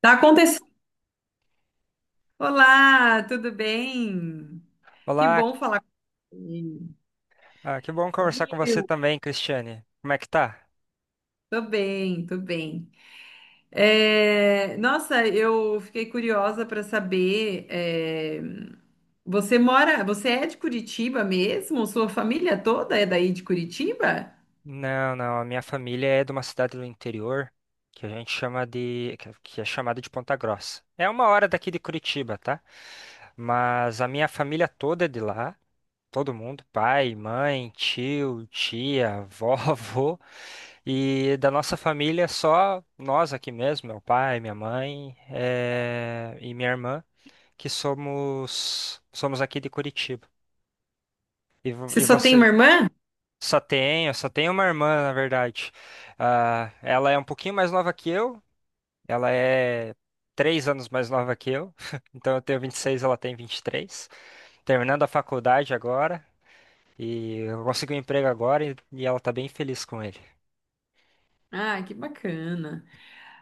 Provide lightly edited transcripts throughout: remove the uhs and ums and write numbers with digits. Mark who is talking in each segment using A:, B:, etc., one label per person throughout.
A: Tá acontecendo. Olá, tudo bem? Que
B: Olá,
A: bom falar com você.
B: que bom conversar com você também, Cristiane. Como é que tá?
A: Tô bem, tô bem. É, nossa, eu fiquei curiosa para saber. Você mora, você é de Curitiba mesmo? Sua família toda é daí de Curitiba?
B: Não, não, a minha família é de uma cidade do interior que é chamada de Ponta Grossa. É uma hora daqui de Curitiba, tá? Mas a minha família toda é de lá, todo mundo, pai, mãe, tio, tia, vó, avô. E da nossa família, só nós aqui mesmo, meu pai, minha mãe, e minha irmã, que somos aqui de Curitiba. E, vo-
A: Você
B: e
A: só tem uma
B: você?
A: irmã?
B: Só tenho uma irmã, na verdade. Ah, ela é um pouquinho mais nova que eu. Ela é 3 anos mais nova que eu. Então eu tenho 26, ela tem 23. Terminando a faculdade agora. E eu consegui um emprego agora e ela tá bem feliz com ele.
A: Ah, que bacana.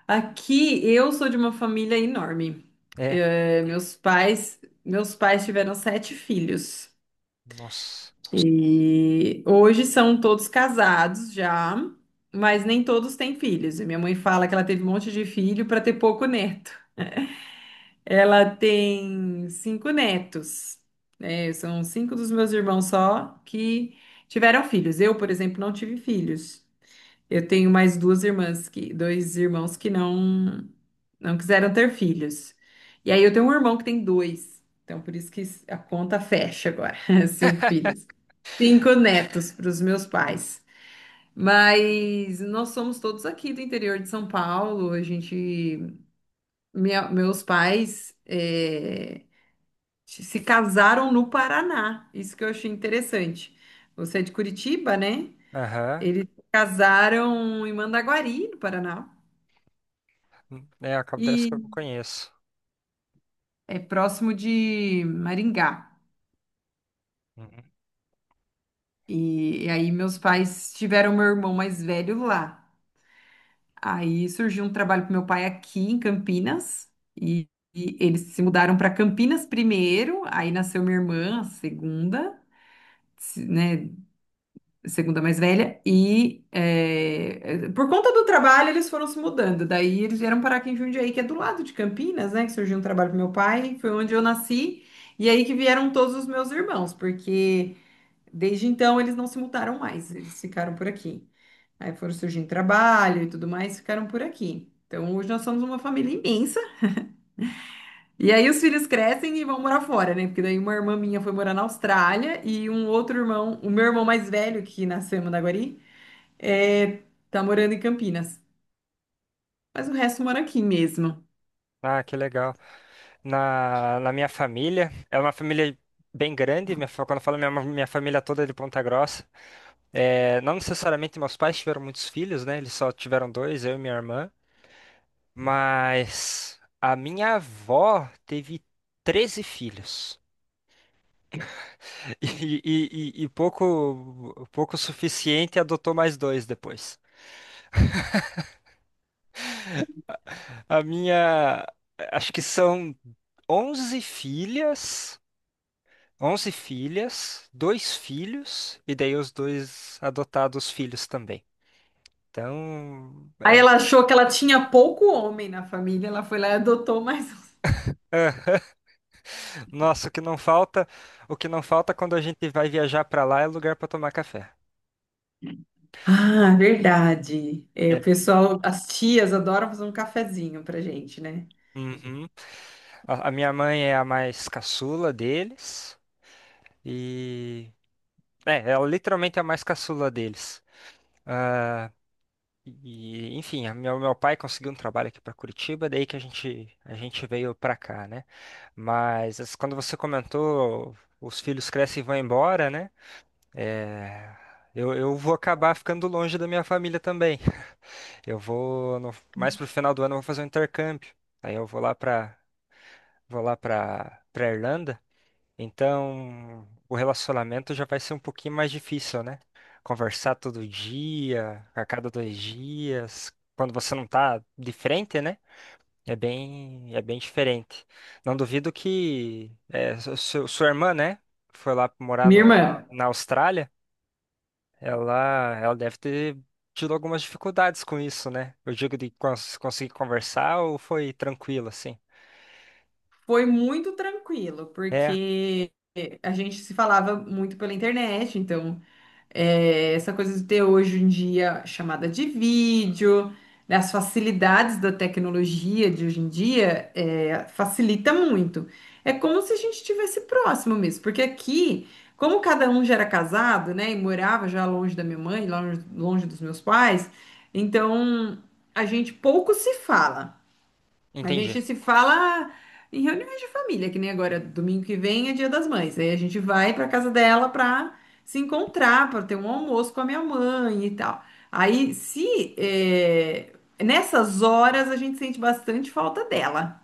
A: Aqui eu sou de uma família enorme.
B: É,
A: É, meus pais tiveram sete filhos.
B: nossa.
A: E hoje são todos casados já, mas nem todos têm filhos. E minha mãe fala que ela teve um monte de filho para ter pouco neto. Ela tem cinco netos, né? São cinco dos meus irmãos só que tiveram filhos. Eu, por exemplo, não tive filhos. Eu tenho mais dois irmãos que não quiseram ter filhos. E aí eu tenho um irmão que tem dois. Então, por isso que a conta fecha agora, cinco filhos. Cinco netos para os meus pais. Mas nós somos todos aqui do interior de São Paulo. Meus pais se casaram no Paraná. Isso que eu achei interessante. Você é de Curitiba, né?
B: Aham.
A: Eles se casaram em Mandaguari, no Paraná,
B: É, acontece
A: e
B: que eu não conheço.
A: é próximo de Maringá.
B: Uhum.
A: E aí meus pais tiveram meu irmão mais velho lá. Aí surgiu um trabalho para meu pai aqui em Campinas e, e eles se mudaram para Campinas primeiro, aí nasceu minha irmã, a segunda, né, segunda mais velha e por conta do trabalho eles foram se mudando. Daí eles vieram parar aqui em Jundiaí, que é do lado de Campinas, né, que surgiu um trabalho para meu pai, foi onde eu nasci e aí que vieram todos os meus irmãos, porque desde então eles não se mudaram mais, eles ficaram por aqui. Aí foram surgindo trabalho e tudo mais, ficaram por aqui. Então hoje nós somos uma família imensa. E aí os filhos crescem e vão morar fora, né? Porque daí uma irmã minha foi morar na Austrália e um outro irmão, o meu irmão mais velho, que nasceu em Mandaguari, é, tá morando em Campinas. Mas o resto mora aqui mesmo.
B: Ah, que legal. Na minha família, é uma família bem grande. Quando eu falo minha família toda é de Ponta Grossa. É, não necessariamente meus pais tiveram muitos filhos, né? Eles só tiveram dois, eu e minha irmã. Mas a minha avó teve 13 filhos. E pouco suficiente, adotou mais dois depois. A minha. Acho que são 11 filhas. 11 filhas, dois filhos, e daí os dois adotados filhos também. Então,
A: Aí ela achou que ela tinha pouco homem na família, ela foi lá e adotou mais um.
B: é, nossa, o que não falta quando a gente vai viajar pra lá é lugar pra tomar café.
A: Ah, verdade. É, o
B: É.
A: pessoal, as tias adoram fazer um cafezinho pra gente, né?
B: Uhum. A minha mãe é a mais caçula deles e ela literalmente é a mais caçula deles. Ah, e enfim, meu pai conseguiu um trabalho aqui pra Curitiba, daí que a gente veio pra cá, né? Mas as- quando você comentou, os filhos crescem e vão embora, né? É, eu vou acabar ficando longe da minha família também. Eu vou mais pro final do ano eu vou fazer um intercâmbio. Aí eu vou lá pra Vou lá para Irlanda. Então, o relacionamento já vai ser um pouquinho mais difícil, né? Conversar todo dia, a cada 2 dias, quando você não tá de frente, né? É bem diferente. Não duvido que sua irmã, né, foi lá morar
A: Minha
B: no- na
A: irmã.
B: na Austrália. Ela deve ter tido algumas dificuldades com isso, né? Eu digo de conseguir conversar ou foi tranquilo, assim?
A: Foi muito tranquilo,
B: É,
A: porque a gente se falava muito pela internet, então essa coisa de ter hoje em dia chamada de vídeo, né, as facilidades da tecnologia de hoje em dia facilita muito. É como se a gente estivesse próximo mesmo, porque aqui, como cada um já era casado, né, e morava já longe da minha mãe, longe, longe dos meus pais, então a gente pouco se fala. A
B: entendi.
A: gente se fala em reuniões de família, que nem agora, domingo que vem é Dia das Mães. Aí a gente vai para casa dela para se encontrar, para ter um almoço com a minha mãe e tal. Aí, se é, nessas horas a gente sente bastante falta dela,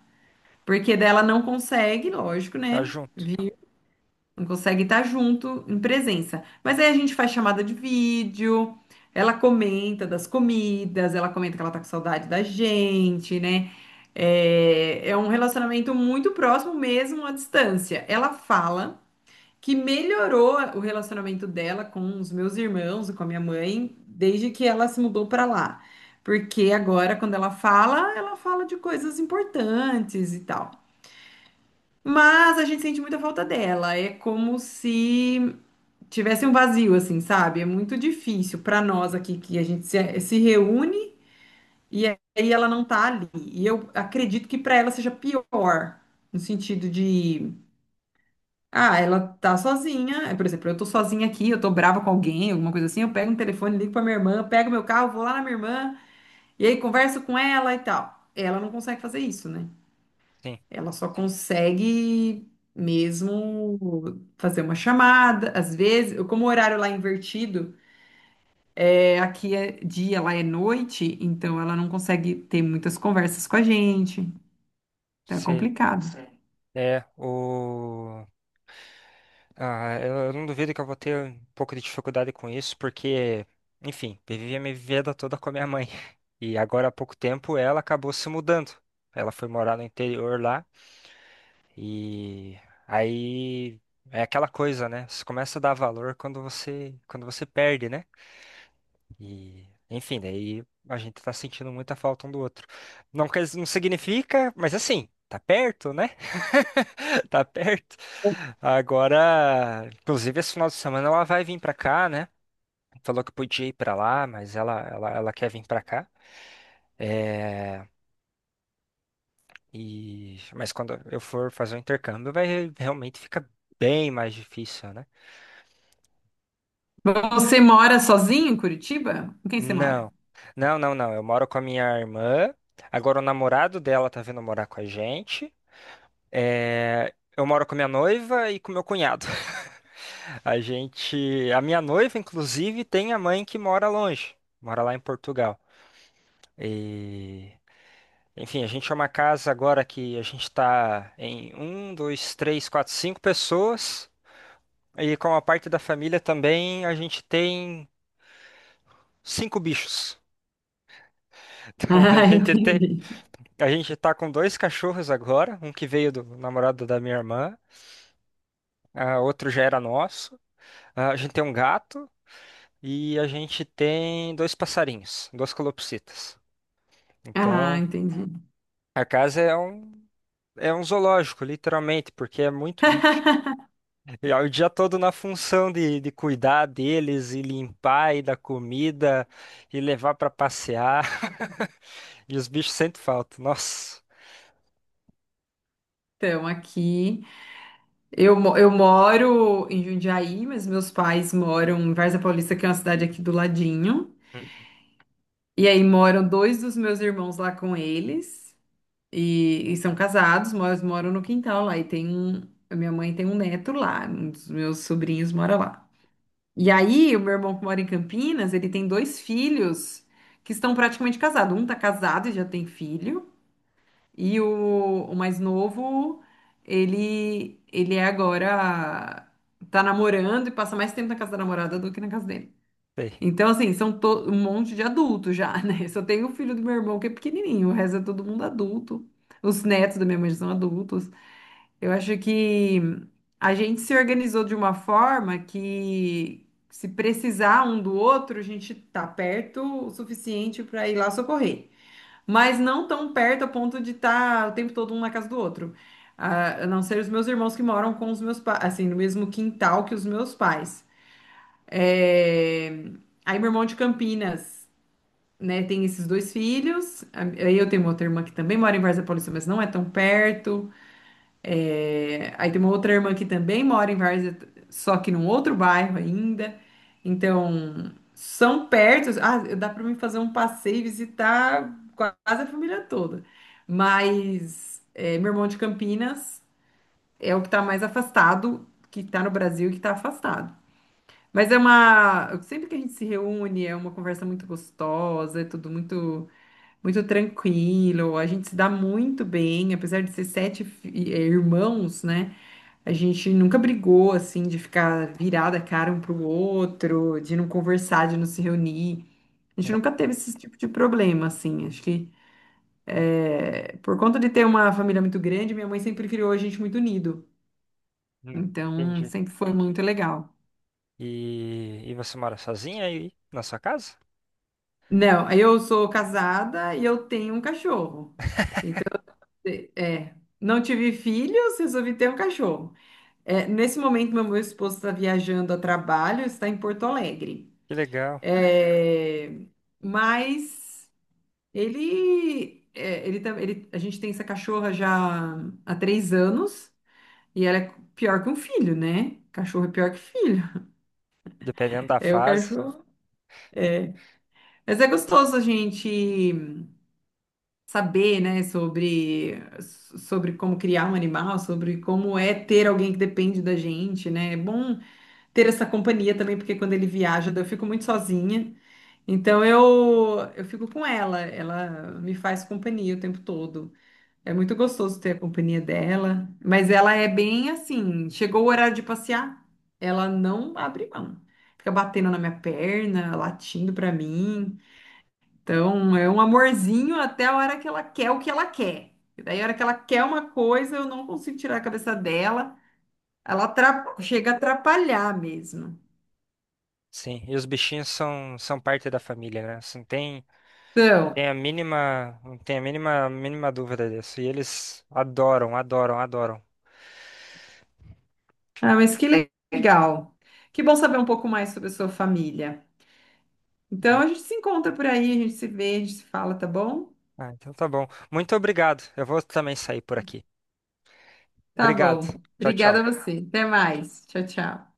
A: porque dela não consegue, lógico,
B: Tá
A: né?
B: junto.
A: Não consegue estar junto em presença. Mas aí a gente faz chamada de vídeo, ela comenta das comidas, ela comenta que ela tá com saudade da gente, né? É um relacionamento muito próximo mesmo à distância. Ela fala que melhorou o relacionamento dela com os meus irmãos e com a minha mãe desde que ela se mudou para lá. Porque agora, quando ela fala de coisas importantes e tal. Mas a gente sente muita falta dela. É como se tivesse um vazio, assim, sabe? É muito difícil para nós aqui que a gente se reúne e aí ela não tá ali. E eu acredito que para ela seja pior, no sentido de, ah, ela tá sozinha. É, por exemplo, eu tô sozinha aqui, eu tô brava com alguém, alguma coisa assim, eu pego um telefone, ligo para minha irmã, pego meu carro, vou lá na minha irmã e aí converso com ela e tal. Ela não consegue fazer isso, né?
B: Sim.
A: Ela só consegue mesmo fazer uma chamada, às vezes, como o horário lá é invertido, é, aqui é dia, lá é noite, então ela não consegue ter muitas conversas com a gente. Então é
B: Você
A: complicado. Certo.
B: é o. Ah, eu não duvido que eu vou ter um pouco de dificuldade com isso, porque, enfim, vivi a minha vida toda com a minha mãe. E agora há pouco tempo ela acabou se mudando. Ela foi morar no interior lá. E aí é aquela coisa, né? Você começa a dar valor quando você perde, né? E enfim, daí a gente tá sentindo muita falta um do outro. Não quer, não significa, mas assim, tá perto, né? Tá perto. Agora, inclusive esse final de semana ela vai vir pra cá, né? Falou que podia ir pra lá, mas ela quer vir pra cá. É, e mas quando eu for fazer o intercâmbio, vai realmente fica bem mais difícil, né?
A: Você mora sozinho em Curitiba? Com quem você mora?
B: Não, não, não, não. Eu moro com a minha irmã. Agora o namorado dela tá vindo morar com a gente. Eu moro com a minha noiva e com meu cunhado. A gente, a minha noiva, inclusive, tem a mãe que mora longe, mora lá em Portugal. E, enfim, a gente é uma casa agora que a gente está em um, dois, três, quatro, cinco pessoas. E com a parte da família também a gente tem cinco bichos. Então a
A: Ah,
B: gente tem
A: entendi.
B: a gente tá com dois cachorros agora, um que veio do namorado da minha irmã, ah, outro já era nosso. Ah, a gente tem um gato e a gente tem dois passarinhos, duas calopsitas.
A: Ah,
B: Então,
A: entendi.
B: a casa é um zoológico, literalmente, porque é muito bicho. E é o dia todo na função de cuidar deles e limpar e dar comida e levar pra passear. E os bichos sentem falta. Nossa,
A: Então, aqui eu, moro em Jundiaí, mas meus pais moram em Varza Paulista, que é uma cidade aqui do ladinho. E aí moram dois dos meus irmãos lá com eles. E são casados, mas moram no quintal lá. A minha mãe tem um neto lá, um dos meus sobrinhos mora lá. E aí, o meu irmão que mora em Campinas, ele tem dois filhos que estão praticamente casados. Um tá casado e já tem filho, e o mais novo, ele agora tá namorando e passa mais tempo na casa da namorada do que na casa dele.
B: sei.
A: Então, assim, um monte de adultos já, né? Só tem o filho do meu irmão que é pequenininho, o resto é todo mundo adulto. Os netos da minha mãe já são adultos. Eu acho que a gente se organizou de uma forma que, se precisar um do outro, a gente tá perto o suficiente para ir lá socorrer. Mas não tão perto a ponto de estar o tempo todo um na casa do outro. Ah, a não ser os meus irmãos que moram com os meus pais, assim, no mesmo quintal que os meus pais. É... Aí meu irmão de Campinas, né, tem esses dois filhos. Aí eu tenho uma outra irmã que também mora em Varzea Paulista, mas não é tão perto. É, aí tem uma outra irmã que também mora em Várzea, só que num outro bairro ainda. Então, são perto. Ah, dá para mim fazer um passeio e visitar quase a família toda. Mas meu irmão de Campinas é o que está mais afastado, que está no Brasil e que está afastado. Mas é uma. Sempre que a gente se reúne, é uma conversa muito gostosa, é tudo muito, muito tranquilo. A gente se dá muito bem, apesar de ser sete irmãos, né? A gente nunca brigou, assim, de ficar virada a cara um pro outro, de não conversar, de não se reunir. A gente nunca teve esse tipo de problema, assim. Acho que é, por conta de ter uma família muito grande, minha mãe sempre criou a gente muito unido. Então,
B: Entendi.
A: sempre foi muito legal.
B: E você mora sozinha aí na sua casa?
A: Não, eu sou casada e eu tenho um cachorro. É, é, não tive filhos, resolvi ter um cachorro. É, nesse momento, meu esposo está viajando a trabalho, está em Porto Alegre.
B: Que legal.
A: É, mas ele, é, ele, tam- ele- a gente tem essa cachorra já há 3 anos e ela é pior que um filho, né? Cachorro é pior que filho.
B: Dependendo da
A: É o
B: fase.
A: cachorro. Mas é gostoso a gente saber, né, sobre, como criar um animal, sobre como é ter alguém que depende da gente, né? É bom ter essa companhia também, porque quando ele viaja, eu fico muito sozinha. Então eu fico com ela, ela me faz companhia o tempo todo. É muito gostoso ter a companhia dela, mas ela é bem assim, chegou o horário de passear, ela não abre mão. Fica batendo na minha perna, latindo pra mim. Então é um amorzinho até a hora que ela quer o que ela quer. E daí a hora que ela quer uma coisa, eu não consigo tirar a cabeça dela. Ela chega a atrapalhar mesmo.
B: Sim, e os bichinhos são, são parte da família, né? Assim, não tem,
A: Então,
B: não tem a mínima dúvida disso. E eles adoram, adoram, adoram.
A: ah, mas que legal. Que bom saber um pouco mais sobre a sua família. Então
B: Né?
A: a gente se encontra por aí, a gente se vê, a gente se fala, tá bom?
B: Ah, então tá bom. Muito obrigado. Eu vou também sair por aqui.
A: Tá
B: Obrigado.
A: bom.
B: Tchau,
A: Obrigada a
B: tchau.
A: você. Até mais. Tchau, tchau.